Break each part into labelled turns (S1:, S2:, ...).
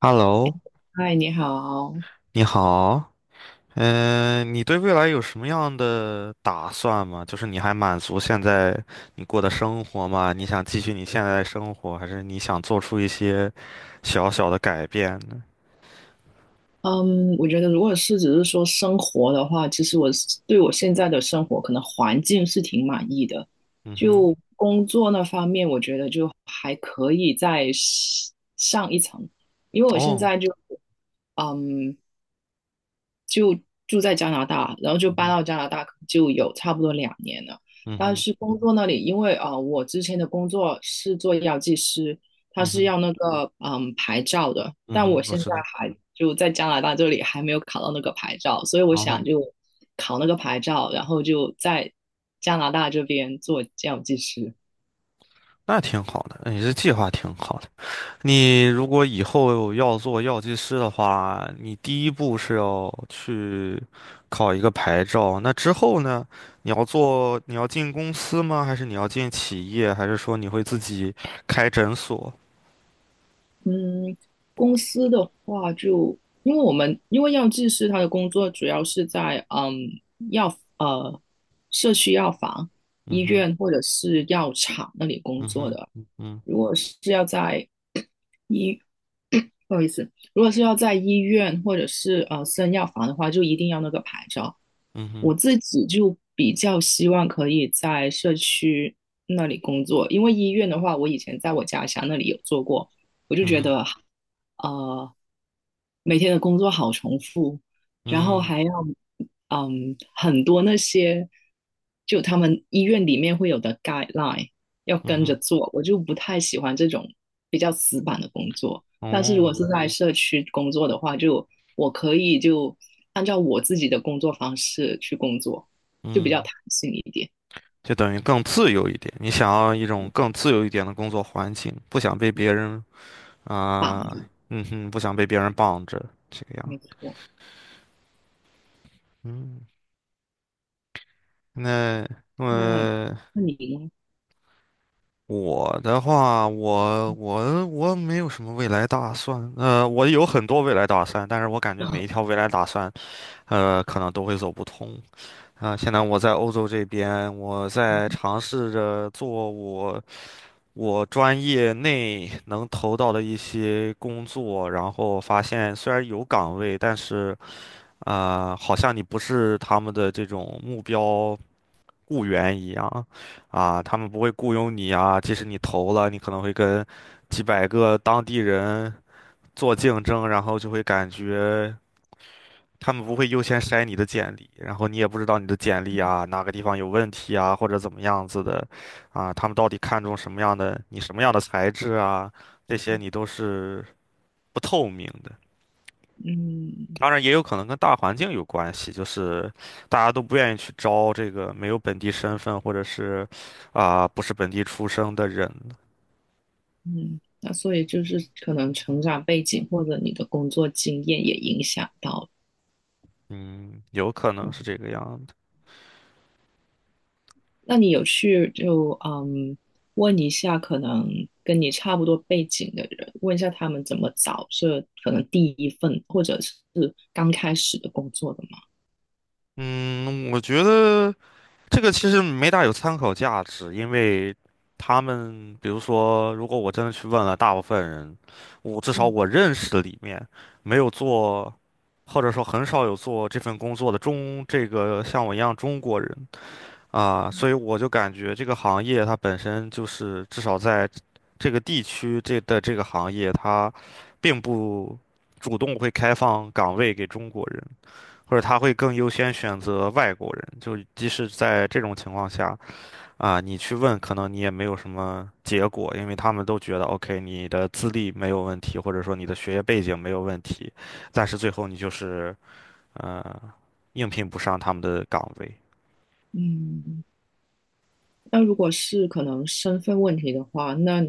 S1: Hello，
S2: 嗨，你好。
S1: 你好，你对未来有什么样的打算吗？就是你还满足现在你过的生活吗？你想继续你现在的生活，还是你想做出一些小小的改变呢？
S2: 嗯，我觉得如果是只是说生活的话，其实我是对我现在的生活可能环境是挺满意的。
S1: 嗯哼，
S2: 就工作那方面，我觉得就还可以再上一层，因为我现
S1: 哦，
S2: 在就嗯住在加拿大，然后就
S1: 嗯
S2: 搬
S1: 哼，
S2: 到加拿大就有差不多两年了。
S1: 嗯
S2: 但
S1: 哼，
S2: 是工作那里，因为我之前的工作是做药剂师，他
S1: 嗯
S2: 是
S1: 哼，
S2: 要那个牌照的，
S1: 嗯
S2: 但我
S1: 哼，我
S2: 现在
S1: 知道。
S2: 还就在加拿大这里还没有考到那个牌照，所以我
S1: 然后
S2: 想就考那个牌照，然后就在加拿大这边做药剂师。
S1: 那挺好的，你这计划挺好的。你如果以后要做药剂师的话，你第一步是要去考一个牌照。那之后呢？你要进公司吗？还是你要进企业？还是说你会自己开诊所？
S2: 嗯，公司的话就，因为药剂师他的工作主要是在嗯药呃社区药房、医
S1: 嗯哼，
S2: 院或者是药厂那里工
S1: 嗯
S2: 作
S1: 哼，
S2: 的。
S1: 嗯哼，
S2: 如果是要在医，不好意思，如果是要在医院或者是私人药房的话，就一定要那个牌照。
S1: 嗯哼，
S2: 我自己就比较希望可以在社区那里工作，因为医院的话，我以前在我家乡那里有做过。我就
S1: 嗯
S2: 觉
S1: 哼，
S2: 得，呃，每天的工作好重复，然后
S1: 嗯
S2: 还要，嗯，很多那些，就他们医院里面会有的 guideline 要
S1: 嗯
S2: 跟着
S1: 哼，
S2: 做，我就不太喜欢这种比较死板的工作。但是如
S1: 哦，
S2: 果是在社区工作的话，就我可以就按照我自己的工作方式去工作，就比较
S1: 嗯，
S2: 弹性一点，
S1: 就等于更自由一点。你想要一种更自由一点的工作环境，不想被别人
S2: 棒
S1: 啊，
S2: 的，
S1: 嗯哼，不想被别人绑着，这个样。
S2: 没错。
S1: 嗯。那
S2: 那
S1: 呃，
S2: 那你呢？
S1: 我的话，我没有什么未来打算。我有很多未来打算，但是我感觉每一条未来打算，可能都会走不通。现在我在欧洲这边，我在 尝试着做我专业内能投到的一些工作，然后发现虽然有岗位，但是好像你不是他们的这种目标。雇员一样，啊，他们不会雇佣你啊，即使你投了，你可能会跟几百个当地人做竞争，然后就会感觉他们不会优先筛你的简历，然后你也不知道你的简历啊哪个地方有问题啊，或者怎么样子的，啊，他们到底看中什么样的，你什么样的材质啊，这些你都是不透明的。
S2: 嗯。
S1: 当然也有可能跟大环境有关系，就是大家都不愿意去招这个没有本地身份或者是不是本地出生的人，
S2: 嗯，那所以就是可能成长背景或者你的工作经验也影响到了
S1: 嗯，有可
S2: 这
S1: 能
S2: 样。
S1: 是这个样子。
S2: 那你有去就问一下，可能跟你差不多背景的人，问一下他们怎么找这可能第一份或者是刚开始的工作的吗？
S1: 嗯，我觉得这个其实没大有参考价值，因为他们比如说，如果我真的去问了大部分人，至少
S2: 嗯。
S1: 我认识的里面没有做，或者说很少有做这份工作的中这个像我一样中国人。啊，所以我就感觉这个行业它本身就是，至少在这个地区这的这个行业，它并不主动会开放岗位给中国人，或者他会更优先选择外国人。就即使在这种情况下，啊，你去问，可能你也没有什么结果，因为他们都觉得 OK，你的资历没有问题，或者说你的学业背景没有问题，但是最后你就是呃应聘不上他们的岗位。
S2: 嗯，那如果是可能身份问题的话，那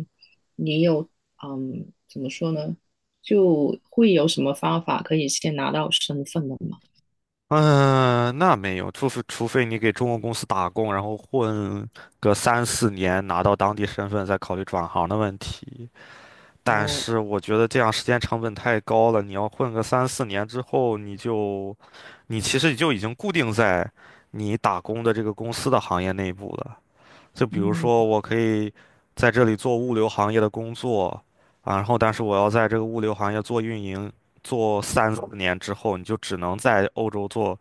S2: 你有怎么说呢？就会有什么方法可以先拿到身份的吗？
S1: 嗯，那没有，除非你给中国公司打工，然后混个三四年，拿到当地身份，再考虑转行的问题。但
S2: 哦。
S1: 是我觉得这样时间成本太高了，你要混个三四年之后，你其实就已经固定在你打工的这个公司的行业内部了。就比如
S2: 嗯，
S1: 说，我可以在这里做物流行业的工作，啊，然后但是我要在这个物流行业做运营，做三四年之后，你就只能在欧洲做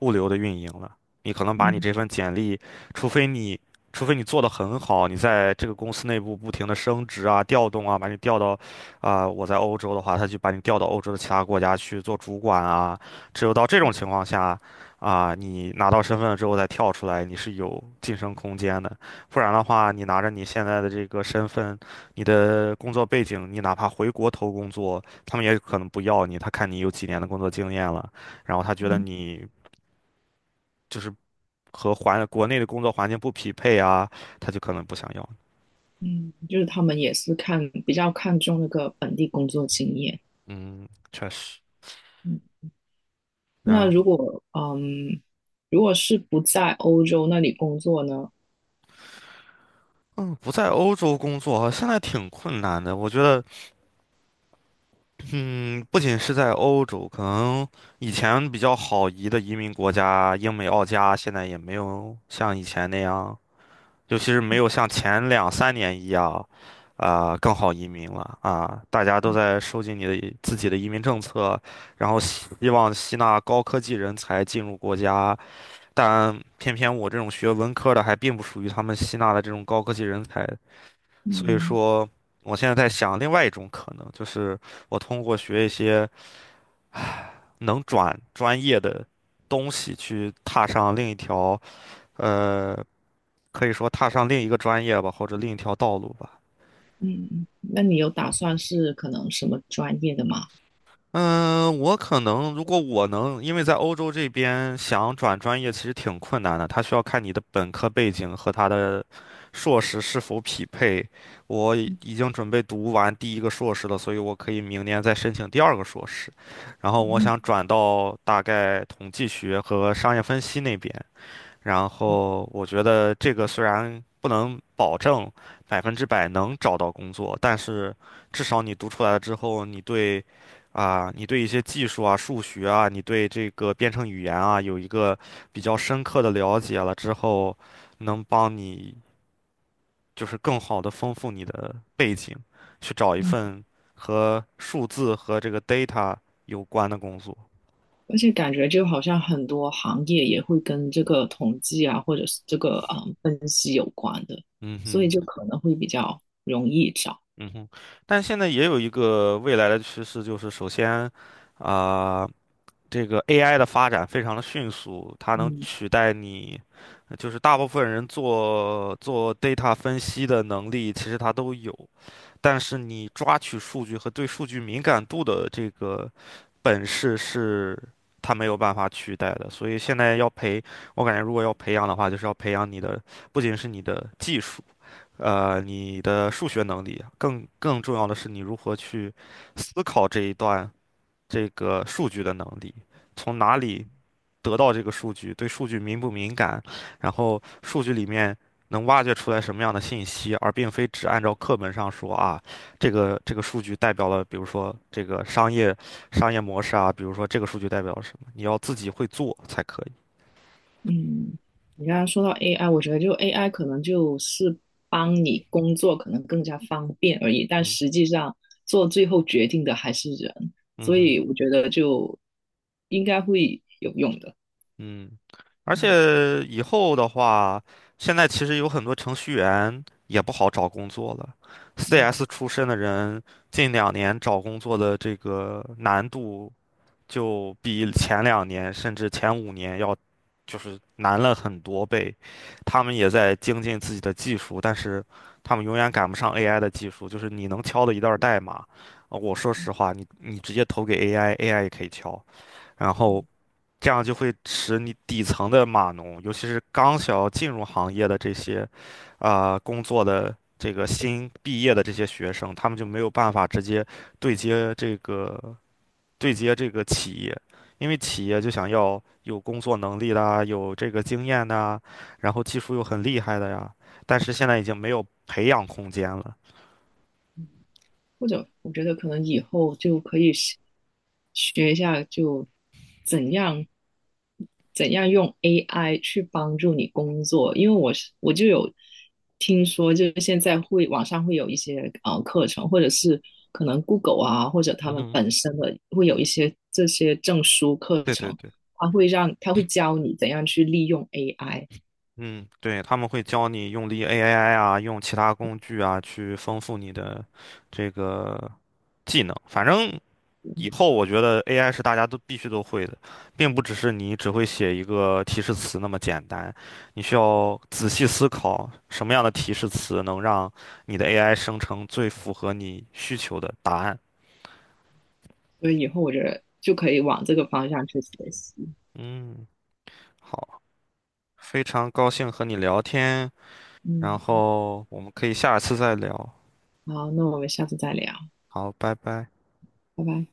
S1: 物流的运营了。你可能把你
S2: 嗯
S1: 这份简历，除非你除非你做得很好，你在这个公司内部不停的升职啊、调动啊，把你调到我在欧洲的话，他就把你调到欧洲的其他国家去做主管啊。只有到这种情况下，啊，你拿到身份了之后再跳出来，你是有晋升空间的。不然的话，你拿着你现在的这个身份，你的工作背景，你哪怕回国投工作，他们也可能不要你。他看你有几年的工作经验了，然后他觉得
S2: 嗯
S1: 你就是和国内的工作环境不匹配啊，他就可能不想要你。
S2: 嗯，就是他们也是看比较看重那个本地工作经验。
S1: 嗯，确实。
S2: 嗯，那
S1: 然
S2: 如
S1: 后，
S2: 果嗯，如果是不在欧洲那里工作呢？
S1: 嗯，不在欧洲工作现在挺困难的。我觉得，嗯，不仅是在欧洲，可能以前比较好移的移民国家，英美澳加，现在也没有像以前那样。尤其是没有像前两三年一样，更好移民了啊！大家都在收紧自己的移民政策，然后希望吸纳高科技人才进入国家，但偏偏我这种学文科的还并不属于他们吸纳的这种高科技人才，所以
S2: 嗯
S1: 说，我现在在想另外一种可能，就是我通过学一些能转专业的东西去踏上另一条。呃。可以说踏上另一个专业吧，或者另一条道路吧。
S2: 嗯，那你有打算是可能什么专业的吗？
S1: 嗯，我可能如果我能，因为在欧洲这边想转专业其实挺困难的，他需要看你的本科背景和他的硕士是否匹配。我
S2: 嗯
S1: 已经准备读完第一个硕士了，所以我可以明年再申请第二个硕士。然后我
S2: 嗯
S1: 想转到大概统计学和商业分析那边，然后我觉得这个虽然不能保证百分之百能找到工作，但是至少你读出来了之后，你对一些技术啊、数学啊，你对这个编程语言啊，有一个比较深刻的了解了之后，能帮你就是更好的丰富你的背景，去找一
S2: 嗯，
S1: 份和数字和这个 data 有关的工作。
S2: 而且感觉就好像很多行业也会跟这个统计啊，或者是这个分析有关的，
S1: 嗯
S2: 所以
S1: 哼。
S2: 就可能会比较容易找。
S1: 嗯哼，但现在也有一个未来的趋势，就是首先，啊、这个 AI 的发展非常的迅速，它能
S2: 嗯。
S1: 取代你，就是大部分人做 data 分析的能力，其实它都有，但是你抓取数据和对数据敏感度的这个本事是它没有办法取代的。所以现在要培，我感觉如果要培养的话，就是要培养你的，不仅是你的技术。你的数学能力，更重要的是你如何去思考这一段这个数据的能力，从哪里得到这个数据，对数据敏不敏感，然后数据里面能挖掘出来什么样的信息，而并非只按照课本上说啊，这个数据代表了，比如说这个商业模式啊，比如说这个数据代表了什么，你要自己会做才可以。
S2: 嗯，你刚刚说到 AI,我觉得就 AI 可能就是帮你工作可能更加方便而已，但
S1: 嗯
S2: 实际上做最后决定的还是人，
S1: 嗯
S2: 所
S1: 哼。
S2: 以我觉得就应该会有用的。
S1: 嗯，而
S2: 嗯
S1: 且以后的话，现在其实有很多程序员也不好找工作了。
S2: 嗯，
S1: CS 出身的人，近两年找工作的这个难度就比前两年甚至前五年就是难了很多倍。他们也在精进自己的技术，但是他们永远赶不上 AI 的技术。就是你能敲的一段代码，呃我说实话，你直接投给 AI，AI 也可以敲。然后这样就会使你底层的码农，尤其是刚想要进入行业的这些，工作的这个新毕业的这些学生，他们就没有办法直接对接这个对接这个企业，因为企业就想要有工作能力啦，有这个经验呐，然后技术又很厉害的呀，但是现在已经没有培养空间了。
S2: 或者我觉得可能以后就可以学一下，就怎样怎样用 AI 去帮助你工作，因为我就有听说，就是现在会网上会有一些课程，或者是可能 Google 啊，或者他
S1: 嗯
S2: 们
S1: 哼
S2: 本身的会有一些这些证书课
S1: 对对
S2: 程，
S1: 对。
S2: 他会让他会教你怎样去利用 AI,
S1: 嗯，对，他们会教你用力 AI 啊，用其他工具啊，去丰富你的这个技能。反正
S2: 嗯
S1: 以后我觉得 AI 是大家都必须都会的，并不只是你只会写一个提示词那么简单。你需要仔细思考什么样的提示词能让你的 AI 生成最符合你需求的答案。
S2: 所以以后我觉得就可以往这个方向去学习。
S1: 嗯，好，非常高兴和你聊天，然
S2: 嗯，
S1: 后我们可以下一次再聊。
S2: 好，那我们下次再聊。
S1: 好，拜拜。
S2: 拜拜。